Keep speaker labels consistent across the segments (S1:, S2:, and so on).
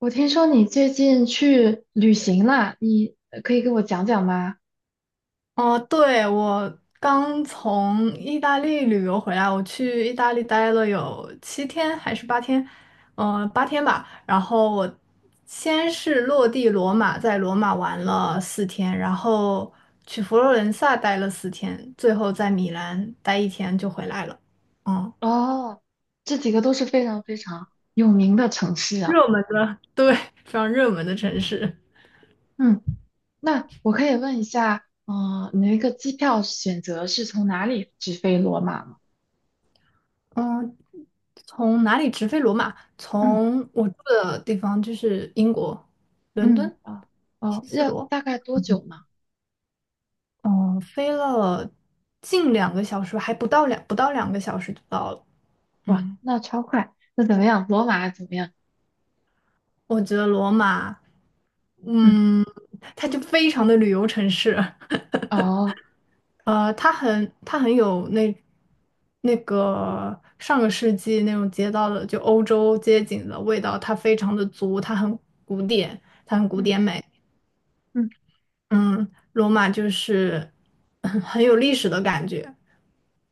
S1: 我听说你最近去旅行了，你可以给我讲讲吗？
S2: 哦，对，我刚从意大利旅游回来，我去意大利待了有7天还是八天，八天吧。然后我先是落地罗马，在罗马玩了四天，然后去佛罗伦萨待了四天，最后在米兰待一天就回来了。嗯，
S1: 哦，这几个都是非常非常有名的城市啊。
S2: 热门的，对，非常热门的城市。
S1: 嗯，那我可以问一下，你那个机票选择是从哪里直飞罗马吗？
S2: 嗯，从哪里直飞罗马？
S1: 嗯，
S2: 从我住的地方就是英国伦
S1: 嗯，
S2: 敦
S1: 啊，哦，
S2: 希斯
S1: 要
S2: 罗，
S1: 大概多久呢？
S2: 嗯，飞了近两个小时，还不到两个小时就到了。
S1: 哇，
S2: 嗯，
S1: 那超快。那怎么样？罗马怎么样？
S2: 我觉得罗马，
S1: 嗯，
S2: 嗯，它就非常的旅游城市，
S1: 哦，
S2: 它很有那个上个世纪那种街道的就欧洲街景的味道，它非常的足，它很古典，它很古
S1: 嗯
S2: 典美。
S1: 嗯
S2: 嗯，罗马就是很有历史的感觉，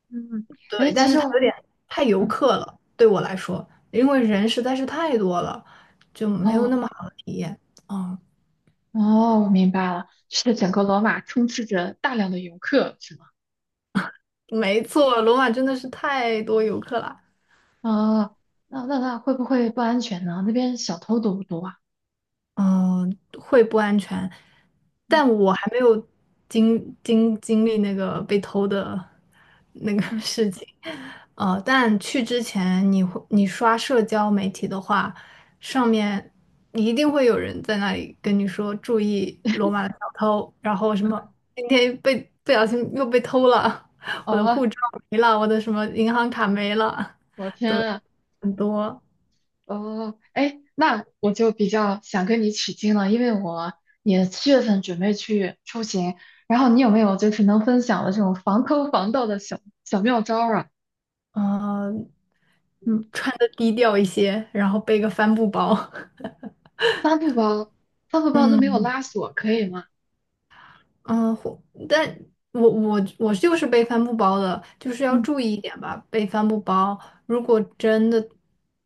S1: 嗯，嗯，哎，
S2: 对，但
S1: 其
S2: 是
S1: 实
S2: 它
S1: 我，
S2: 有点太游
S1: 嗯，
S2: 客了，对我来说，因为人实在是太多了，就没有那
S1: 哦。
S2: 么好的体验。哦，
S1: 哦，我明白了，是整个罗马充斥着大量的游客，是吗？
S2: 没错，罗马真的是太多游客了。
S1: 啊、那会不会不安全呢？那边小偷多不多啊？
S2: 嗯，会不安全，
S1: 嗯
S2: 但我还没有经历那个被偷的那个
S1: 嗯，
S2: 事情。但去之前你刷社交媒体的话，上面一定会有人在那里跟你说注意罗马的小偷，然后什么今天被不小心又被偷了，我的
S1: 哦，
S2: 护照没了，我的什么银行卡没了，
S1: 我 天
S2: 对，
S1: 啊，
S2: 很多。
S1: 哦，哎，那我就比较想跟你取经了，因为我也7月份准备去出行，然后你有没有就是能分享的这种防偷防盗的小小妙招儿啊？
S2: 呃
S1: 嗯，
S2: 穿的低调一些，然后背个帆布包。
S1: 帆布包，帆布包都没有
S2: 嗯
S1: 拉锁，可以吗？
S2: 嗯，但我就是背帆布包的，就是要
S1: 嗯
S2: 注意一点吧，背帆布包。如果真的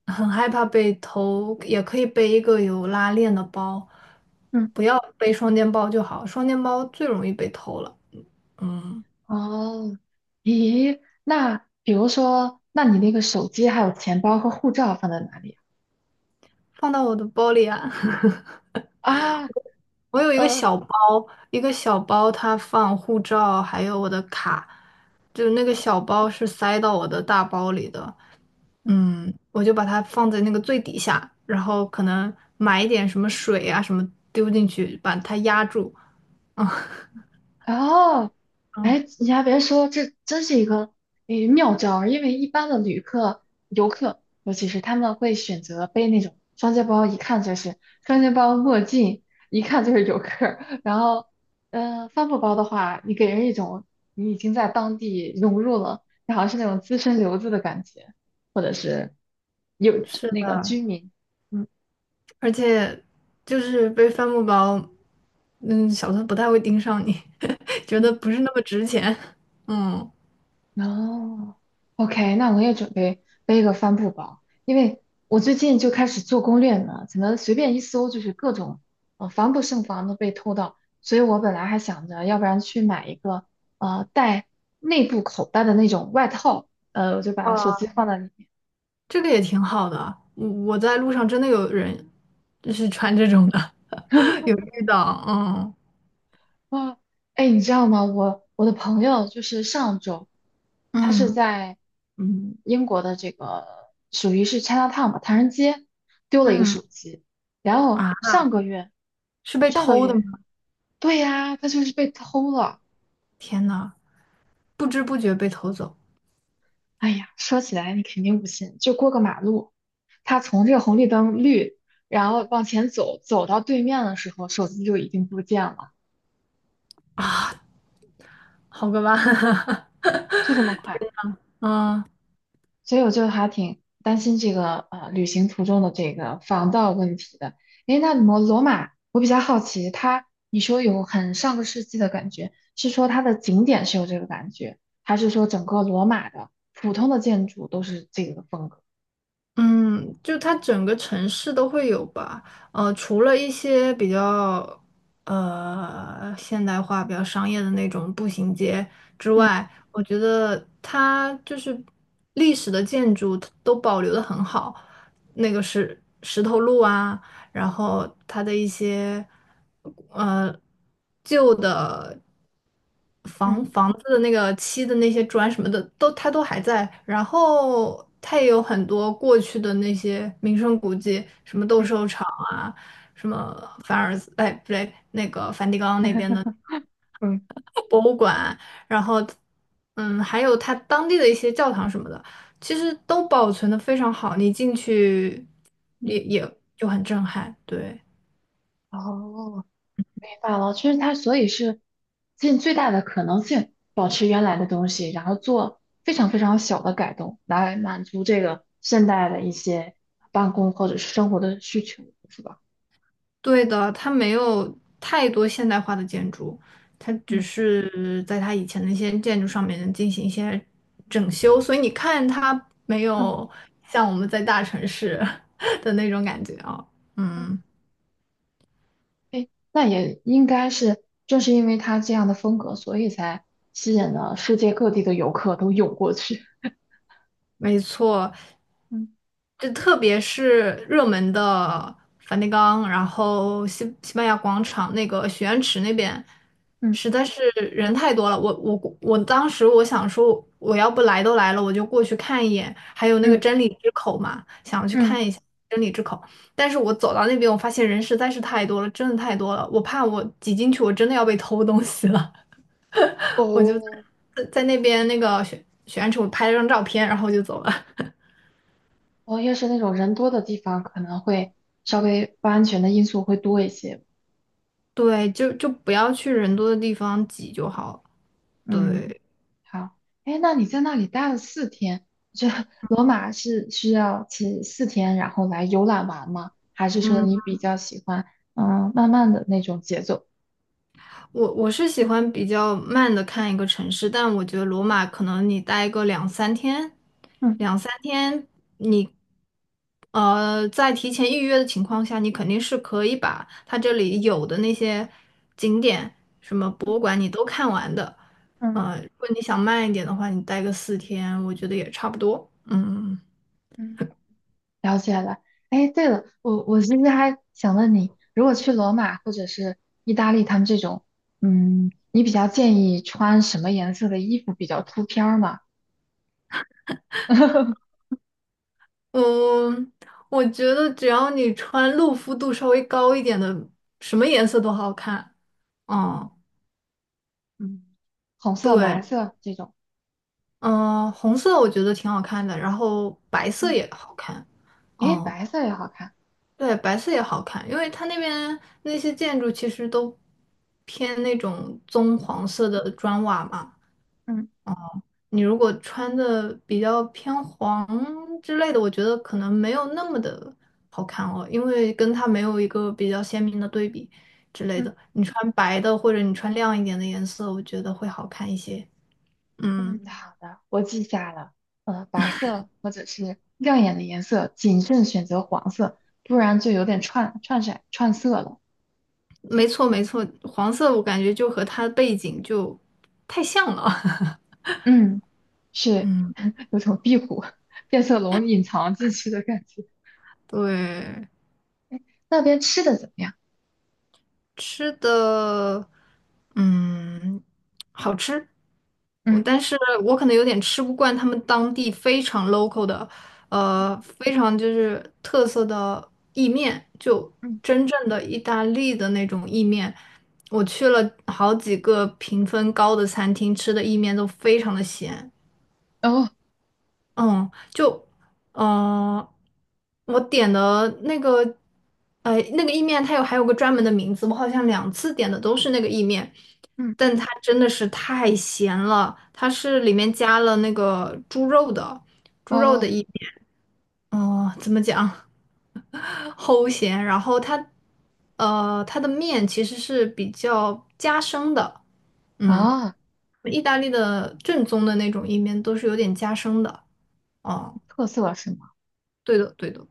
S2: 很害怕被偷，也可以背一个有拉链的包，
S1: 嗯。
S2: 不要背双肩包就好，双肩包最容易被偷了。嗯，
S1: 哦，咦，那比如说，那你那个手机还有钱包和护照放在哪里
S2: 放到我的包里啊。
S1: 啊，啊
S2: 我有一个
S1: 呃，
S2: 小包，一个小包，它放护照，还有我的卡，就那个小包是塞到我的大包里的。我就把它放在那个最底下，然后可能买一点什么水啊什么丢进去，把它压住。嗯
S1: 哦，
S2: 嗯，
S1: 哎，你还别说，这真是一个诶妙招儿因为一般的旅客、游客，尤其是他们会选择背那种双肩包，一看就是双肩包、墨镜，一看就是游客儿然后，嗯，帆布包的话，你给人一种你已经在当地融入了，你好像是那种资深留子的感觉，或者是有
S2: 是
S1: 那
S2: 的，
S1: 个居民，嗯，
S2: 而且就是背帆布包，小偷不太会盯上你，觉得
S1: 嗯，
S2: 不是那么值钱。嗯。
S1: 哦，OK,那我也准备背个帆布包，因为我最近就开始做攻略呢，怎么随便一搜就是各种，防不胜防的被偷盗，所以我本来还想着，要不然去买一个，带内部口袋的那种外套，我就把手机
S2: 啊。
S1: 放在里面，
S2: 这个也挺好的。我在路上真的有人就是穿
S1: 嗯
S2: 这种的，有遇到，嗯
S1: 啊，哎，你知道吗？我的朋友就是上周，他是
S2: 嗯
S1: 在英国的这个属于是 Chinatown 吧，唐人街丢了一个
S2: 嗯，
S1: 手机，然后
S2: 啊，
S1: 上个月
S2: 是被
S1: 上个
S2: 偷的
S1: 月
S2: 吗？
S1: 对呀，他就是被偷了。
S2: 天呐，不知不觉被偷走
S1: 哎呀，说起来你肯定不信，就过个马路，他从这个红绿灯绿，然后往前走，走到对面的时候，手机就已经不见了，
S2: 啊，好个吧，
S1: 就 这么快。
S2: 嗯，
S1: 所以我就还挺担心这个旅行途中的这个防盗问题的。诶，那罗马，我比较好奇，它你说有很上个世纪的感觉，是说它的景点是有这个感觉，还是说整个罗马的普通的建筑都是这个风格？
S2: 嗯，就它整个城市都会有吧，除了一些比较现代化、比较商业的那种步行街之
S1: 嗯
S2: 外，我觉得它就是历史的建筑它都保留的很好，那个石头路啊，然后它的一些呃旧的
S1: 嗯
S2: 房子的那个漆的那些砖什么的它都还在，然后它也有很多过去的那些名胜古迹，什么斗兽场啊，什么凡尔赛，哎不对，那个梵蒂冈那边的
S1: 嗯
S2: 博物馆，然后还有它当地的一些教堂什么的。其实都保存的非常好，你进去
S1: 嗯，
S2: 也就很震撼，对。
S1: 哦，罢了，就是它，所以是尽最大的可能性保持原来的东西，然后做非常非常小的改动，来满足这个现代的一些办公或者是生活的需求，是吧？
S2: 对的，它没有太多现代化的建筑，它只
S1: 嗯，
S2: 是在它以前的一些建筑上面进行一些整修，所以你看它没
S1: 嗯
S2: 有像我们在大城市 的那种感觉啊。
S1: 嗯，
S2: 嗯，
S1: 哎，那也应该是，正是因为它这样的风格，所以才吸引了世界各地的游客都涌过去。
S2: 没错。
S1: 嗯
S2: 就特别是热门的梵蒂冈，然后西班牙广场那个许愿池那边，
S1: 嗯
S2: 实在是人太多了。我当时我想说，我要不来都来了，我就过去看一眼。还有那个
S1: 嗯
S2: 真理之口嘛，想去
S1: 嗯，
S2: 看一下真理之口。但是我走到那边，我发现人实在是太多了，真的太多了。我怕我挤进去，我真的要被偷东西了。
S1: 哦，
S2: 在那边那个许愿池，我拍了张照片，然后就走了。
S1: 哦，越是那种人多的地方，可能会稍微不安全的因素会多一些。
S2: 对，就不要去人多的地方挤就好了。
S1: 嗯。
S2: 对，
S1: 好，哎，那你在那里待了四天，这罗马是需要去四天，然后来游览完吗？还是说
S2: 嗯，
S1: 你比较喜欢嗯慢慢的那种节奏？
S2: 我是喜欢比较慢的看一个城市，但我觉得罗马可能你待个
S1: 嗯，
S2: 两三天你，在提前预约的情况下，你肯定是可以把它这里有的那些景点、什么博物馆你都看完的。
S1: 嗯
S2: 如果你想慢一点的话，你待个四天，我觉得也差不多。嗯。
S1: 嗯了解了。哎，对了，我其实还想问你，如果去罗马或者是意大利他们这种，嗯，你比较建议穿什么颜色的衣服比较出片儿吗？
S2: 嗯，我觉得只要你穿露肤度稍微高一点的，什么颜色都好看。嗯，
S1: 嗯红色、
S2: 对，
S1: 蓝色这种，
S2: 嗯，红色我觉得挺好看的，然后白色
S1: 嗯
S2: 也好看。
S1: 哎，
S2: 嗯，
S1: 白色也好看。
S2: 对，白色也好看，因为它那边那些建筑其实都偏那种棕黄色的砖瓦嘛。
S1: 嗯
S2: 你如果穿的比较偏黄之类的，我觉得可能没有那么的好看哦，因为跟它没有一个比较鲜明的对比之类
S1: 嗯。
S2: 的。你穿白的或者你穿亮一点的颜色，我觉得会好看一些。嗯，
S1: 嗯，好的，我记下了。呃，白色或者是亮眼的颜色，谨慎选择黄色，不然就有点串串色串色了。
S2: 没错没错，黄色我感觉就和它的背景就太像了。
S1: 嗯，是
S2: 嗯，
S1: 有种壁虎、变色龙隐藏进去的感觉。
S2: 对。
S1: 哎，那边吃的怎么样？
S2: 吃的，嗯，好吃。
S1: 嗯
S2: 但是我可能有点吃不惯他们当地非常 local 的，非常就是特色的意面，就
S1: 嗯，
S2: 真正的意大利的那种意面。我去了好几个评分高的餐厅，吃的意面都非常的咸。
S1: 哦，
S2: 嗯，就呃，我点的那个，那个意面还有个专门的名字，我好像两次点的都是那个意面，
S1: 嗯
S2: 但它真的是太咸了，它是里面加了那个猪肉的，猪肉的
S1: 哦
S2: 意面，哦、怎么讲，齁咸，然后它的面其实是比较夹生的，嗯，
S1: 啊，
S2: 意大利的正宗的那种意面都是有点夹生的，哦、
S1: 特色是吗？
S2: 对的，对的，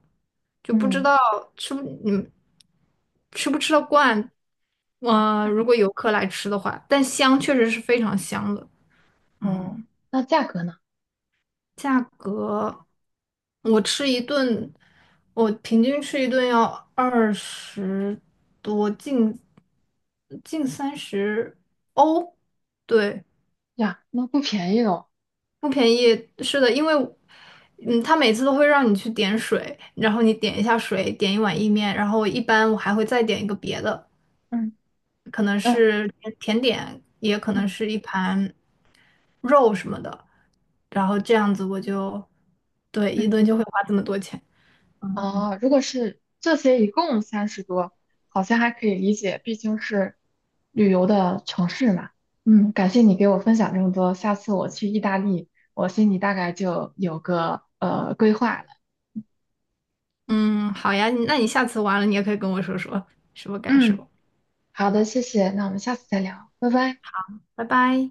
S2: 就不知
S1: 嗯
S2: 道吃不你们吃不吃得惯。如果游客来吃的话，但香确实是非常香的。
S1: 哦，
S2: 嗯，
S1: 那价格呢？
S2: 价格我吃一顿，我平均吃一顿要20多，近30欧。对，
S1: 呀，那不便宜哦。
S2: 不便宜，是的，因为，他每次都会让你去点水，然后你点一下水，点一碗意面，然后一般我还会再点一个别的，
S1: 嗯
S2: 可能
S1: 嗯
S2: 是甜点，也可能
S1: 嗯
S2: 是一盘肉什么的，然后这样子我就，对，一
S1: 嗯。
S2: 顿就会花这么多钱。
S1: 啊，如果是这些一共30多，好像还可以理解，毕竟是旅游的城市嘛。嗯，感谢你给我分享这么多，下次我去意大利，我心里大概就有个规划了。
S2: 嗯，好呀，那你下次完了，你也可以跟我说说什么感
S1: 嗯，
S2: 受。
S1: 好的，谢谢，那我们下次再聊，拜拜。
S2: 拜拜。